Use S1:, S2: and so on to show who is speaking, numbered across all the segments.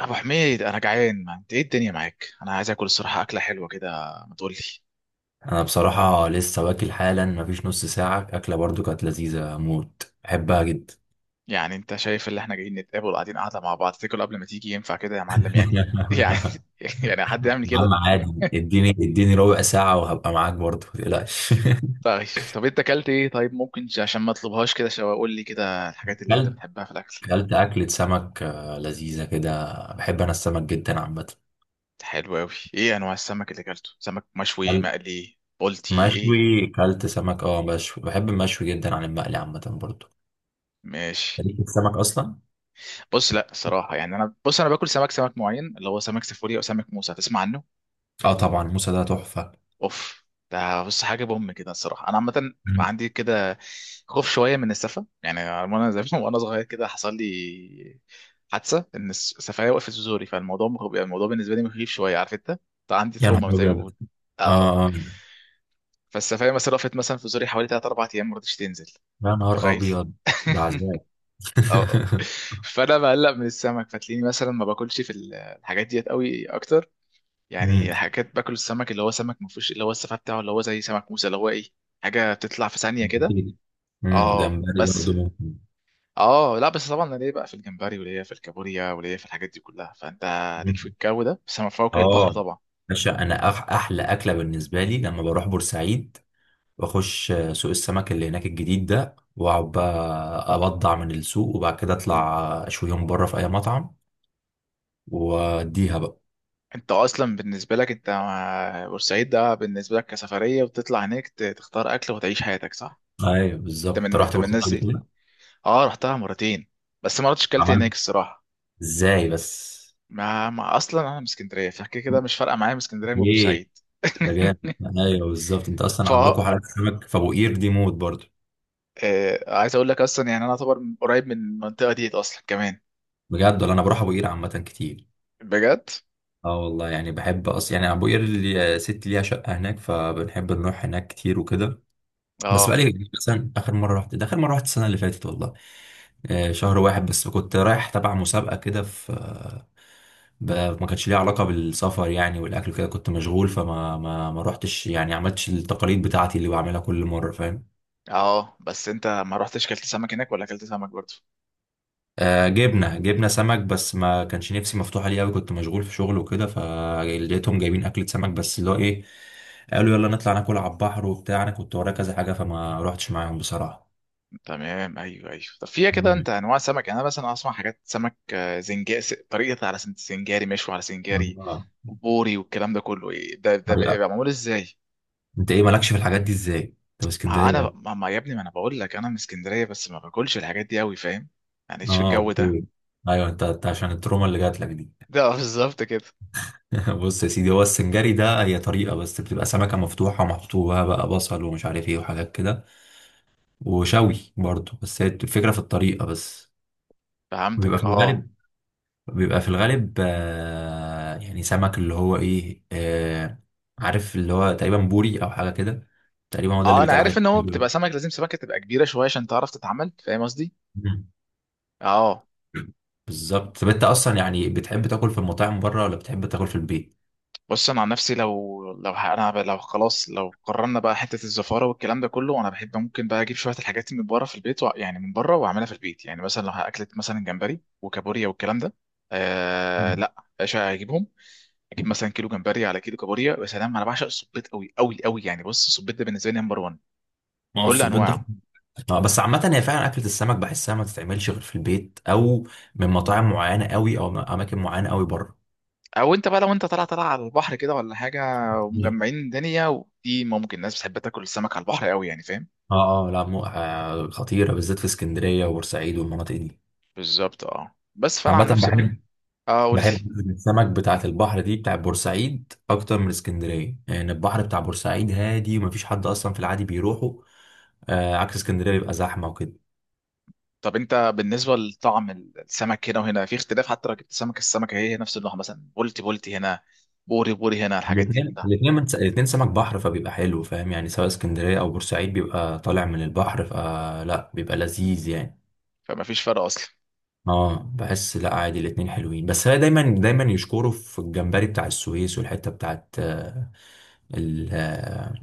S1: ابو حميد، انا جعان. ما انت ايه الدنيا معاك؟ انا عايز اكل الصراحه، اكله حلوه كده. ما تقول لي؟
S2: انا بصراحة لسه واكل حالا مفيش نص ساعة، اكلة برضو كانت لذيذة موت، بحبها جدا.
S1: يعني انت شايف اللي احنا جايين نتقابل قاعدين قاعده مع بعض، تاكل قبل ما تيجي؟ ينفع كده يا معلم؟ يعني
S2: يا
S1: يعني يعني حد يعمل
S2: عم
S1: كده؟
S2: عادي. اديني ربع ساعة وهبقى معاك برضو، متقلقش.
S1: طيب. طب انت اكلت ايه؟ طيب ممكن عشان ما اطلبهاش، كده شو اقول لي كده الحاجات اللي انت
S2: كلت
S1: بتحبها في الاكل؟
S2: كلت أكلة سمك، لذيذة كده. بحب أنا السمك جدا عامة.
S1: حلو قوي. ايه انواع السمك اللي اكلته؟ سمك مشوي،
S2: كلت
S1: مقلي، بولتي، ايه؟
S2: مشوي، كلت سمك مشوي. بحب المشوي جدا عن المقلي عامة برضو.
S1: ماشي.
S2: ليك في السمك أصلا؟
S1: بص، لا الصراحه يعني، انا بص انا باكل سمك معين، اللي هو سمك سيفوري او سمك موسى. تسمع عنه؟
S2: اه طبعا، موسى ده تحفة.
S1: اوف. ده بص حاجه بوم كده الصراحه، انا عامه
S2: مم.
S1: عندي كده خوف شويه من السفه يعني. وانا زي وانا صغير كده حصل لي حادثه ان السفايه وقفت في زوري، فالموضوع يعني الموضوع بالنسبه لي مخيف شويه، عارف انت؟ ده عندي
S2: يا نهار
S1: تروما زي ما
S2: أبيض.
S1: بقول. اه.
S2: اه آه.
S1: فالسفايه مثلا وقفت مثلا في زوري حوالي 3 4 ايام، ما رضتش تنزل.
S2: يا
S1: انت
S2: نهار
S1: متخيل؟
S2: أبيض، ده عذاب.
S1: اه. فانا بقلق من السمك، فتلاقيني مثلا ما باكلش في الحاجات ديت قوي اكتر. يعني حاجات باكل السمك اللي هو سمك ما فيهوش اللي هو السفاح بتاعه، اللي هو زي سمك موسى، اللي هو ايه، حاجه بتطلع في ثانيه كده.
S2: أكيد.
S1: اه
S2: جمبري
S1: بس.
S2: برضه ممكن.
S1: اه لا بس طبعا انا ليا بقى في الجمبري، وليا في الكابوريا، وليا في الحاجات دي كلها. فانت ليك في
S2: مم.
S1: الجو ده، بس ما فوق
S2: اه.
S1: البحر طبعا.
S2: باشا، انا احلى اكله بالنسبه لي لما بروح بورسعيد، واخش سوق السمك اللي هناك الجديد ده، واقعد بقى ابضع من السوق، وبعد كده اطلع اشويهم بره في اي مطعم، واديها بقى.
S1: انت اصلا بالنسبه لك، انت مع بورسعيد ده بالنسبه لك كسفريه، وتطلع هناك تختار اكل وتعيش حياتك، صح؟
S2: ايوه بالظبط،
S1: انت
S2: أنت
S1: من
S2: رحت
S1: انت من
S2: بورسعيد
S1: الناس
S2: قبل
S1: دي؟
S2: كده؟
S1: اه، رحتها مرتين، بس ما رحتش كلت هناك
S2: عملت
S1: الصراحه.
S2: ازاي بس؟
S1: ما اصلا انا من اسكندريه، فكده كده مش فارقه معايا من اسكندريه
S2: ايه
S1: وبورسعيد.
S2: ده جامد. ايوه بالظبط، انت
S1: ف
S2: اصلا عندكم حلقه سمك في ابو قير دي موت برضه.
S1: آه، عايز اقول لك اصلا، يعني انا اعتبر قريب من المنطقه دي اصلا كمان.
S2: بجد؟ ولا انا بروح ابو قير عامه كتير.
S1: بجد.
S2: اه والله، بحب اصلا، ابو قير اللي ست ليها شقه هناك، فبنحب نروح هناك كتير وكده. بس
S1: اه،
S2: بقالي كتير، مثلا اخر مره رحت ده، اخر مره رحت السنه اللي فاتت والله. شهر واحد بس، كنت رايح تبع مسابقه كده في، ما كانش ليها علاقه بالسفر يعني والاكل كده، كنت مشغول، فما ما ما رحتش يعني، عملتش التقاليد بتاعتي اللي بعملها كل مره، فاهم.
S1: اه، بس انت ما رحتش كلت سمك هناك ولا كلت سمك برضه؟
S2: جبنا سمك، بس ما كانش نفسي مفتوحة ليه قوي، كنت مشغول في شغل وكده، فلقيتهم جايبين أكلة سمك، بس اللي هو إيه، قالوا يلا نطلع ناكل على البحر وبتاع، أنا كنت ورايا كذا حاجة، فما روحتش معاهم بصراحة.
S1: تمام. ايوه، ايوه. طب فيها كده
S2: مم.
S1: انت انواع سمك؟ يعني انا مثلا اسمع حاجات سمك زنجاري، طريقه على سنجاري، مشوي على سنجاري
S2: آه،
S1: وبوري والكلام ده كله. إيه ده
S2: طريقة.
S1: بيبقى معمول ازاي؟
S2: أنت إيه مالكش في الحاجات دي إزاي؟ أنت في
S1: ما
S2: اسكندرية يا
S1: انا
S2: ابني.
S1: ما ما يا ابني، ما انا بقول لك انا من اسكندريه، بس ما باكلش الحاجات دي قوي، فاهم؟ يعني ايش في الجو ده.
S2: أوكي. أيوه، أنت عشان التروما اللي جات لك دي.
S1: ده بالظبط كده.
S2: بص يا سيدي، هو السنجاري ده هي طريقة بس، بتبقى سمكة مفتوحة ومحطوها بقى بصل ومش عارف إيه وحاجات كده، وشوي برضه، بس هي الفكرة في الطريقة بس. بيبقى
S1: فهمتك.
S2: في
S1: اه،
S2: الغالب بيبقى في الغالب سمك اللي هو ايه، عارف اللي هو تقريبا بوري او حاجه كده. تقريبا هو ده اللي
S1: اه، انا
S2: بيتقال عليه.
S1: عارف ان هو
S2: تقريباً.
S1: بتبقى سمك، لازم سمكه تبقى كبيره شويه عشان تعرف تتعمل، فاهم قصدي؟
S2: مم.
S1: اه.
S2: بالظبط. طب انت اصلا
S1: اوكي.
S2: يعني بتحب تاكل في المطاعم بره ولا بتحب تاكل في البيت؟
S1: بص انا عن نفسي لو لو ه- انا ب- لو خلاص، لو قررنا بقى حته الزفاره والكلام ده كله، انا بحب ممكن بقى اجيب شويه الحاجات من بره في البيت يعني من بره، واعملها في البيت. يعني مثلا لو هاكلت مثلا جمبري وكابوريا والكلام ده.
S2: مم.
S1: لا. ايش هجيبهم؟ اجيب مثلا كيلو جمبري على كيلو كابوريا. يا سلام، انا بعشق السبيط قوي قوي قوي، يعني بص السبيط ده بالنسبه لي نمبر 1،
S2: ما هو
S1: بكل
S2: السبيط ده.
S1: انواعه.
S2: اه بس عامة، هي فعلا أكلة السمك بحسها ما تتعملش غير في البيت أو من مطاعم معينة قوي أو من أماكن معينة قوي بره.
S1: او انت بقى لو انت طالع على البحر كده ولا حاجه، ومجمعين الدنيا، ودي ممكن الناس بتحب تاكل السمك على البحر قوي، يعني فاهم.
S2: اه لا مو، خطيرة، بالذات في اسكندرية وبورسعيد والمناطق دي.
S1: بالظبط. اه بس فانا
S2: عامة
S1: عن نفسي بقى،
S2: بحب.
S1: اه قول لي.
S2: بحب السمك بتاعت البحر دي بتاع بورسعيد اكتر من اسكندريه، يعني البحر بتاع بورسعيد هادي ومفيش حد اصلا في العادي بيروحه. عكس اسكندريه بيبقى زحمه وكده.
S1: طب انت بالنسبه لطعم السمك هنا وهنا في اختلاف؟ حتى لو جبت سمك، السمكه هي هي نفس النوع، مثلا بولتي بولتي هنا، بوري بوري هنا، الحاجات دي كلها،
S2: الاثنين سمك بحر، فبيبقى حلو، فاهم يعني، سواء اسكندريه او بورسعيد بيبقى طالع من البحر، فلا بيبقى لذيذ يعني.
S1: فما فيش فرق اصلا؟
S2: اه بحس لا عادي، الاثنين حلوين، بس هي دايما دايما يشكروا في الجمبري بتاع السويس والحته بتاعت، ال- آه،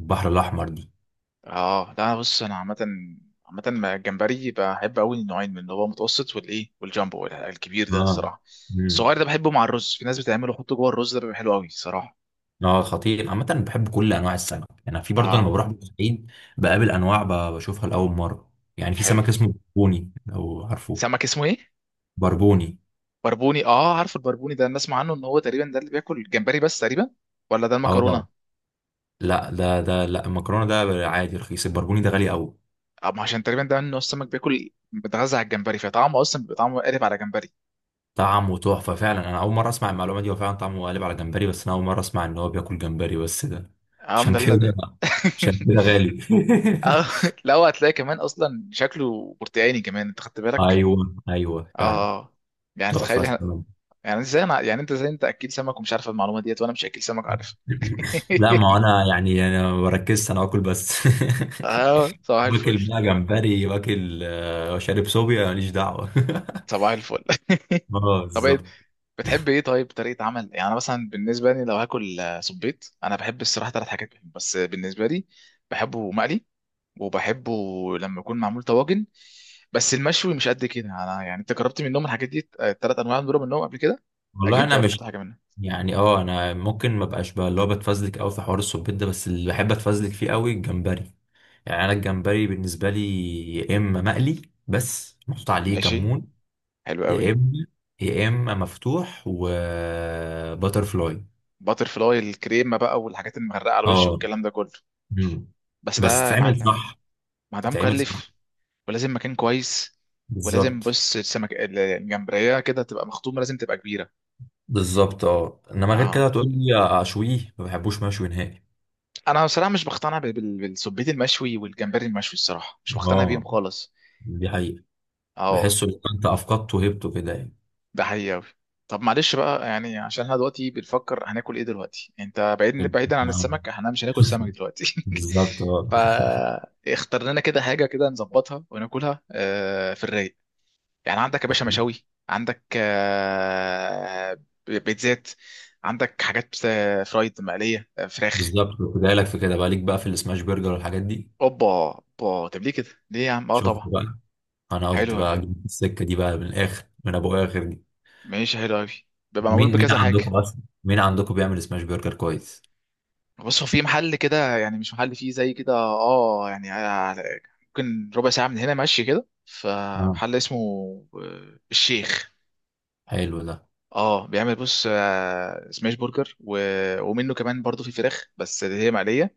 S2: البحر الاحمر دي.
S1: اه لا بص، انا عامه مع الجمبري بحب قوي النوعين منه، اللي هو متوسط والايه، والجامبو الكبير ده
S2: اه.
S1: الصراحه.
S2: مم.
S1: الصغير ده بحبه مع الرز، في ناس بتعمله يحطه جوه الرز، ده بيبقى حلو قوي صراحه.
S2: اه خطير. عامة بحب كل أنواع السمك يعني، في برضه لما
S1: اه
S2: بروح بورسعيد بقابل أنواع، بشوفها لأول مرة. يعني في
S1: حلو.
S2: سمك اسمه بربوني، لو عارفه.
S1: سمك اسمه ايه؟
S2: بربوني.
S1: بربوني. اه، عارف البربوني ده، انا اسمع عنه ان هو تقريبا ده اللي بياكل الجمبري بس تقريبا، ولا ده المكرونه؟
S2: اه لا ده لا المكرونة ده عادي رخيص، البربوني ده غالي أوي.
S1: اه، ما عشان تقريبا ده انه السمك بياكل، بيتغذى على الجمبري، فطعمه اصلا بيبقى طعمه قالب على جمبري.
S2: طعمه تحفة فعلا، أنا أول مرة أسمع المعلومة دي. هو فعلا طعمه قالب على جمبري، بس أنا أول مرة أسمع إن هو بياكل جمبري بس ده.
S1: اه ما
S2: عشان
S1: ده اللي
S2: كده
S1: ده.
S2: عشان كده غالي.
S1: اه لا، هو هتلاقي كمان اصلا شكله برتقاني كمان، انت خدت بالك.
S2: أيوه أيوه
S1: اه.
S2: فعلا.
S1: آه. يعني تخيل
S2: تحفة.
S1: احنا. يعني ازاي انا يعني انت ازاي انت اكيل سمك ومش عارف المعلومه ديت، وانا مش اكيل سمك، عارف؟
S2: لا ما هو انا يعني، انا ما بركزش انا باكل بس.
S1: اه صباح الفل.
S2: باكل بقى جمبري، واكل، شارب صوبيا، ماليش دعوه.
S1: صباح الفل.
S2: اه
S1: طب إيه
S2: بالظبط.
S1: بتحب ايه؟ طيب طريقه عمل. يعني انا مثلا بالنسبه لي لو هاكل صبيط، انا بحب الصراحه ثلاث حاجات بحب. بس بالنسبه لي، بحبه مقلي، وبحبه لما يكون معمول طواجن، بس المشوي مش قد كده. انا يعني انت جربت منهم الحاجات دي الثلاث انواع دول منهم قبل كده؟
S2: والله
S1: اكيد
S2: انا
S1: جربت
S2: مش
S1: حاجه منهم.
S2: انا ممكن ما بقاش بقى اللي هو بتفزلك قوي في حوار الصبيط ده، بس اللي بحب اتفزلك فيه قوي الجمبري. يعني انا الجمبري بالنسبه لي، يا اما مقلي بس محطوط عليه
S1: ماشي،
S2: كمون،
S1: حلو
S2: يا
S1: قوي.
S2: اما يا اما مفتوح وباتر فلاي.
S1: باتر فلاي الكريمه بقى والحاجات المغرقه على الوش
S2: اه
S1: والكلام ده كله.
S2: مم.
S1: بس ده
S2: بس
S1: يا
S2: تتعمل
S1: معلم،
S2: صح.
S1: ما ده
S2: تتعمل
S1: مكلف،
S2: صح.
S1: ولازم مكان كويس، ولازم
S2: بالظبط.
S1: بص السمك الجمبريه كده تبقى مخطومه، لازم تبقى كبيره.
S2: بالظبط. اه انما غير كده
S1: اه،
S2: هتقول لي، اشويه ما بحبوش مشوي نهائي.
S1: انا بصراحه مش بقتنع بالسبيت المشوي والجمبري المشوي، الصراحه مش بقتنع بيهم
S2: اه
S1: خالص.
S2: دي حقيقة.
S1: اه.
S2: بحسه لو انت افقدته وهبته كده يعني.
S1: ده حقيقي أوي. طب معلش بقى. يعني عشان احنا دلوقتي بنفكر هناكل ايه دلوقتي، انت بعيدا عن
S2: آه،
S1: السمك، احنا مش هناكل سمك دلوقتي.
S2: بالظبط. اه
S1: فاختار لنا كده حاجه كده نظبطها وناكلها في الرايق. يعني عندك يا باشا مشاوي، عندك بيتزات، عندك حاجات فرايد مقليه، فراخ.
S2: بالظبط، كنت جاي لك في كده بقى، ليك بقى في السماش برجر والحاجات دي.
S1: اوبا، اوبا. طب ليه كده؟ ليه يا عم؟ اه
S2: شوف
S1: طبعا.
S2: بقى، انا قلت
S1: حلو أوي.
S2: بقى أجيب السكة دي بقى من الاخر، من ابو اخر دي.
S1: ماشي حلو قوي. بيبقى معمول
S2: مين
S1: بكذا حاجه.
S2: عندكم اصلا، مين عندكم بيعمل سماش برجر كويس؟
S1: بص هو في محل كده، يعني مش محل فيه زي كده، اه يعني ممكن ربع ساعه من هنا ماشي كده،
S2: اه
S1: فمحل اسمه الشيخ.
S2: حلو ده.
S1: اه بيعمل بص سماش برجر و... ومنه كمان برضو في فراخ بس اللي هي مقليه،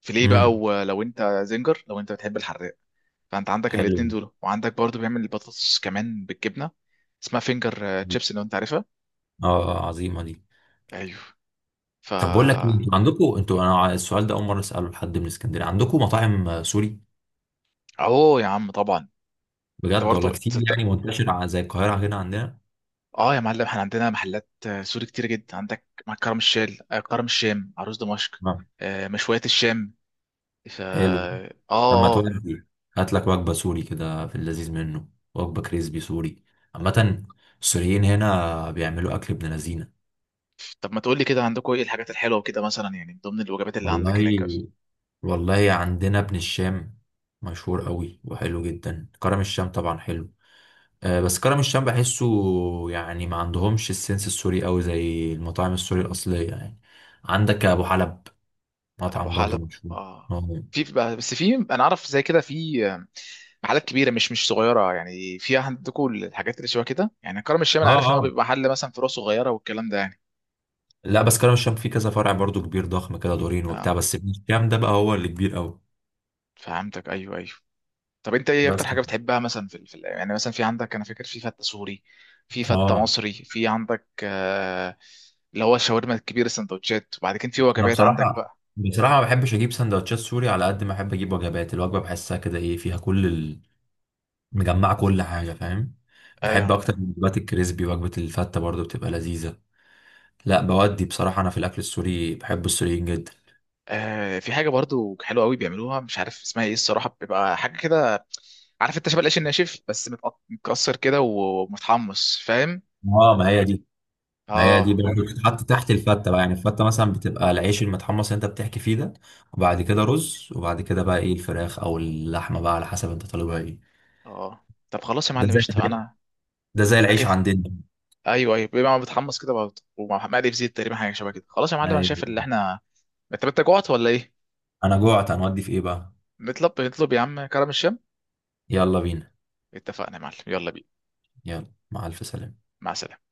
S1: فيليه بقى.
S2: امم
S1: ولو انت زنجر، لو انت بتحب الحراق، فانت عندك الاتنين
S2: حلو.
S1: دول، وعندك برضو بيعمل البطاطس كمان بالجبنه، اسمها فينجر تشيبس، لو انت عارفها.
S2: عظيمة دي.
S1: ايوه. ف
S2: طب بقول لك ايه، انتوا عندكم، انتوا انا السؤال ده اول مره اساله لحد من اسكندريه، عندكم مطاعم، سوري؟
S1: اهو يا عم طبعا. انت
S2: بجد؟ ولا
S1: برضه.
S2: كتير يعني منتشره، زي القاهره هنا عندنا.
S1: اه يا معلم احنا عندنا محلات سوري كتير جدا، عندك مع كرم الشام، عروس دمشق،
S2: نعم.
S1: مشويات الشام.
S2: حلو.
S1: اه،
S2: لما
S1: اه. آه.
S2: تودي، هات لك وجبه سوري كده في اللذيذ منه، وجبه كريسبي سوري. عامه السوريين هنا بيعملوا اكل ابن لذينه.
S1: طب ما تقول لي كده عندكم ايه الحاجات الحلوه وكده، مثلا يعني من ضمن الوجبات اللي عندك هناك بس؟
S2: والله، والله عندنا ابن الشام مشهور قوي وحلو جدا. كرم الشام طبعا حلو، بس كرم الشام بحسه يعني ما عندهمش السنس السوري قوي زي المطاعم السوري الأصلية يعني. عندك أبو حلب،
S1: ابو
S2: مطعم برضو
S1: حلب.
S2: مشهور.
S1: اه،
S2: اه
S1: في بس في انا اعرف زي كده، في محلات كبيره، مش صغيره يعني. في عندكم الحاجات اللي شبه كده؟ يعني كرم الشام انا عارف ان هو
S2: اه
S1: بيبقى محل مثلا فروع صغيره والكلام ده يعني.
S2: لا بس كرم الشام فيه كذا فرع برضو كبير ضخم كده دورين وبتاع،
S1: اه
S2: بس ابن الشام ده بقى هو اللي كبير قوي.
S1: فهمتك. ايوه، ايوه. طب انت ايه
S2: بس
S1: اكتر حاجه بتحبها مثلا في يعني، مثلا في عندك انا فاكر في فته سوري، في فته
S2: اه.
S1: مصري، في عندك اللي هو الشاورما الكبير، السندوتشات، وبعد كده في
S2: انا
S1: وجبات عندك
S2: بصراحة
S1: بقى.
S2: بصراحة ما بحبش اجيب سندوتشات سوري على قد ما احب اجيب وجبات. الوجبة بحسها كده ايه، فيها كل ال... مجمعة كل حاجة، فاهم. بحب اكتر
S1: ده.
S2: من وجبات الكريسبي. وجبة الفتة برضو بتبقى لذيذة. لا بودي، بصراحة أنا في الأكل السوري بحب السوريين جدا.
S1: في حاجه برضو حلوه قوي بيعملوها، مش عارف اسمها ايه الصراحه، بيبقى حاجه كده، عارف انت، شبه العيش الناشف بس متكسر كده ومتحمص، فاهم؟
S2: اه ما هي دي. ما هي دي
S1: اه.
S2: برضه بتتحط تحت الفتة بقى، يعني الفتة مثلا بتبقى العيش المتحمص اللي أنت بتحكي فيه ده، وبعد كده رز، وبعد كده بقى إيه الفراخ أو اللحمة بقى على حسب أنت طالبها إيه.
S1: اه. طب خلاص يا
S2: ده
S1: معلم
S2: زي
S1: قشطه. انا
S2: ده زي
S1: انا
S2: العيش
S1: كده.
S2: عندنا.
S1: ايوه، ايوه، بيبقى متحمص كده بقى، ومع مقلي في زيت، تقريبا حاجه شبه كده. خلاص يا معلم، انا شايف اللي
S2: أيوة.
S1: احنا. انت جوعت ولا ايه؟
S2: أنا جوعت، هنودي في إيه بقى؟
S1: نطلب يا عم كرم الشام.
S2: يلا بينا.
S1: اتفقنا يا معلم، يلا بينا.
S2: يلا مع ألف سلامة.
S1: مع السلامه.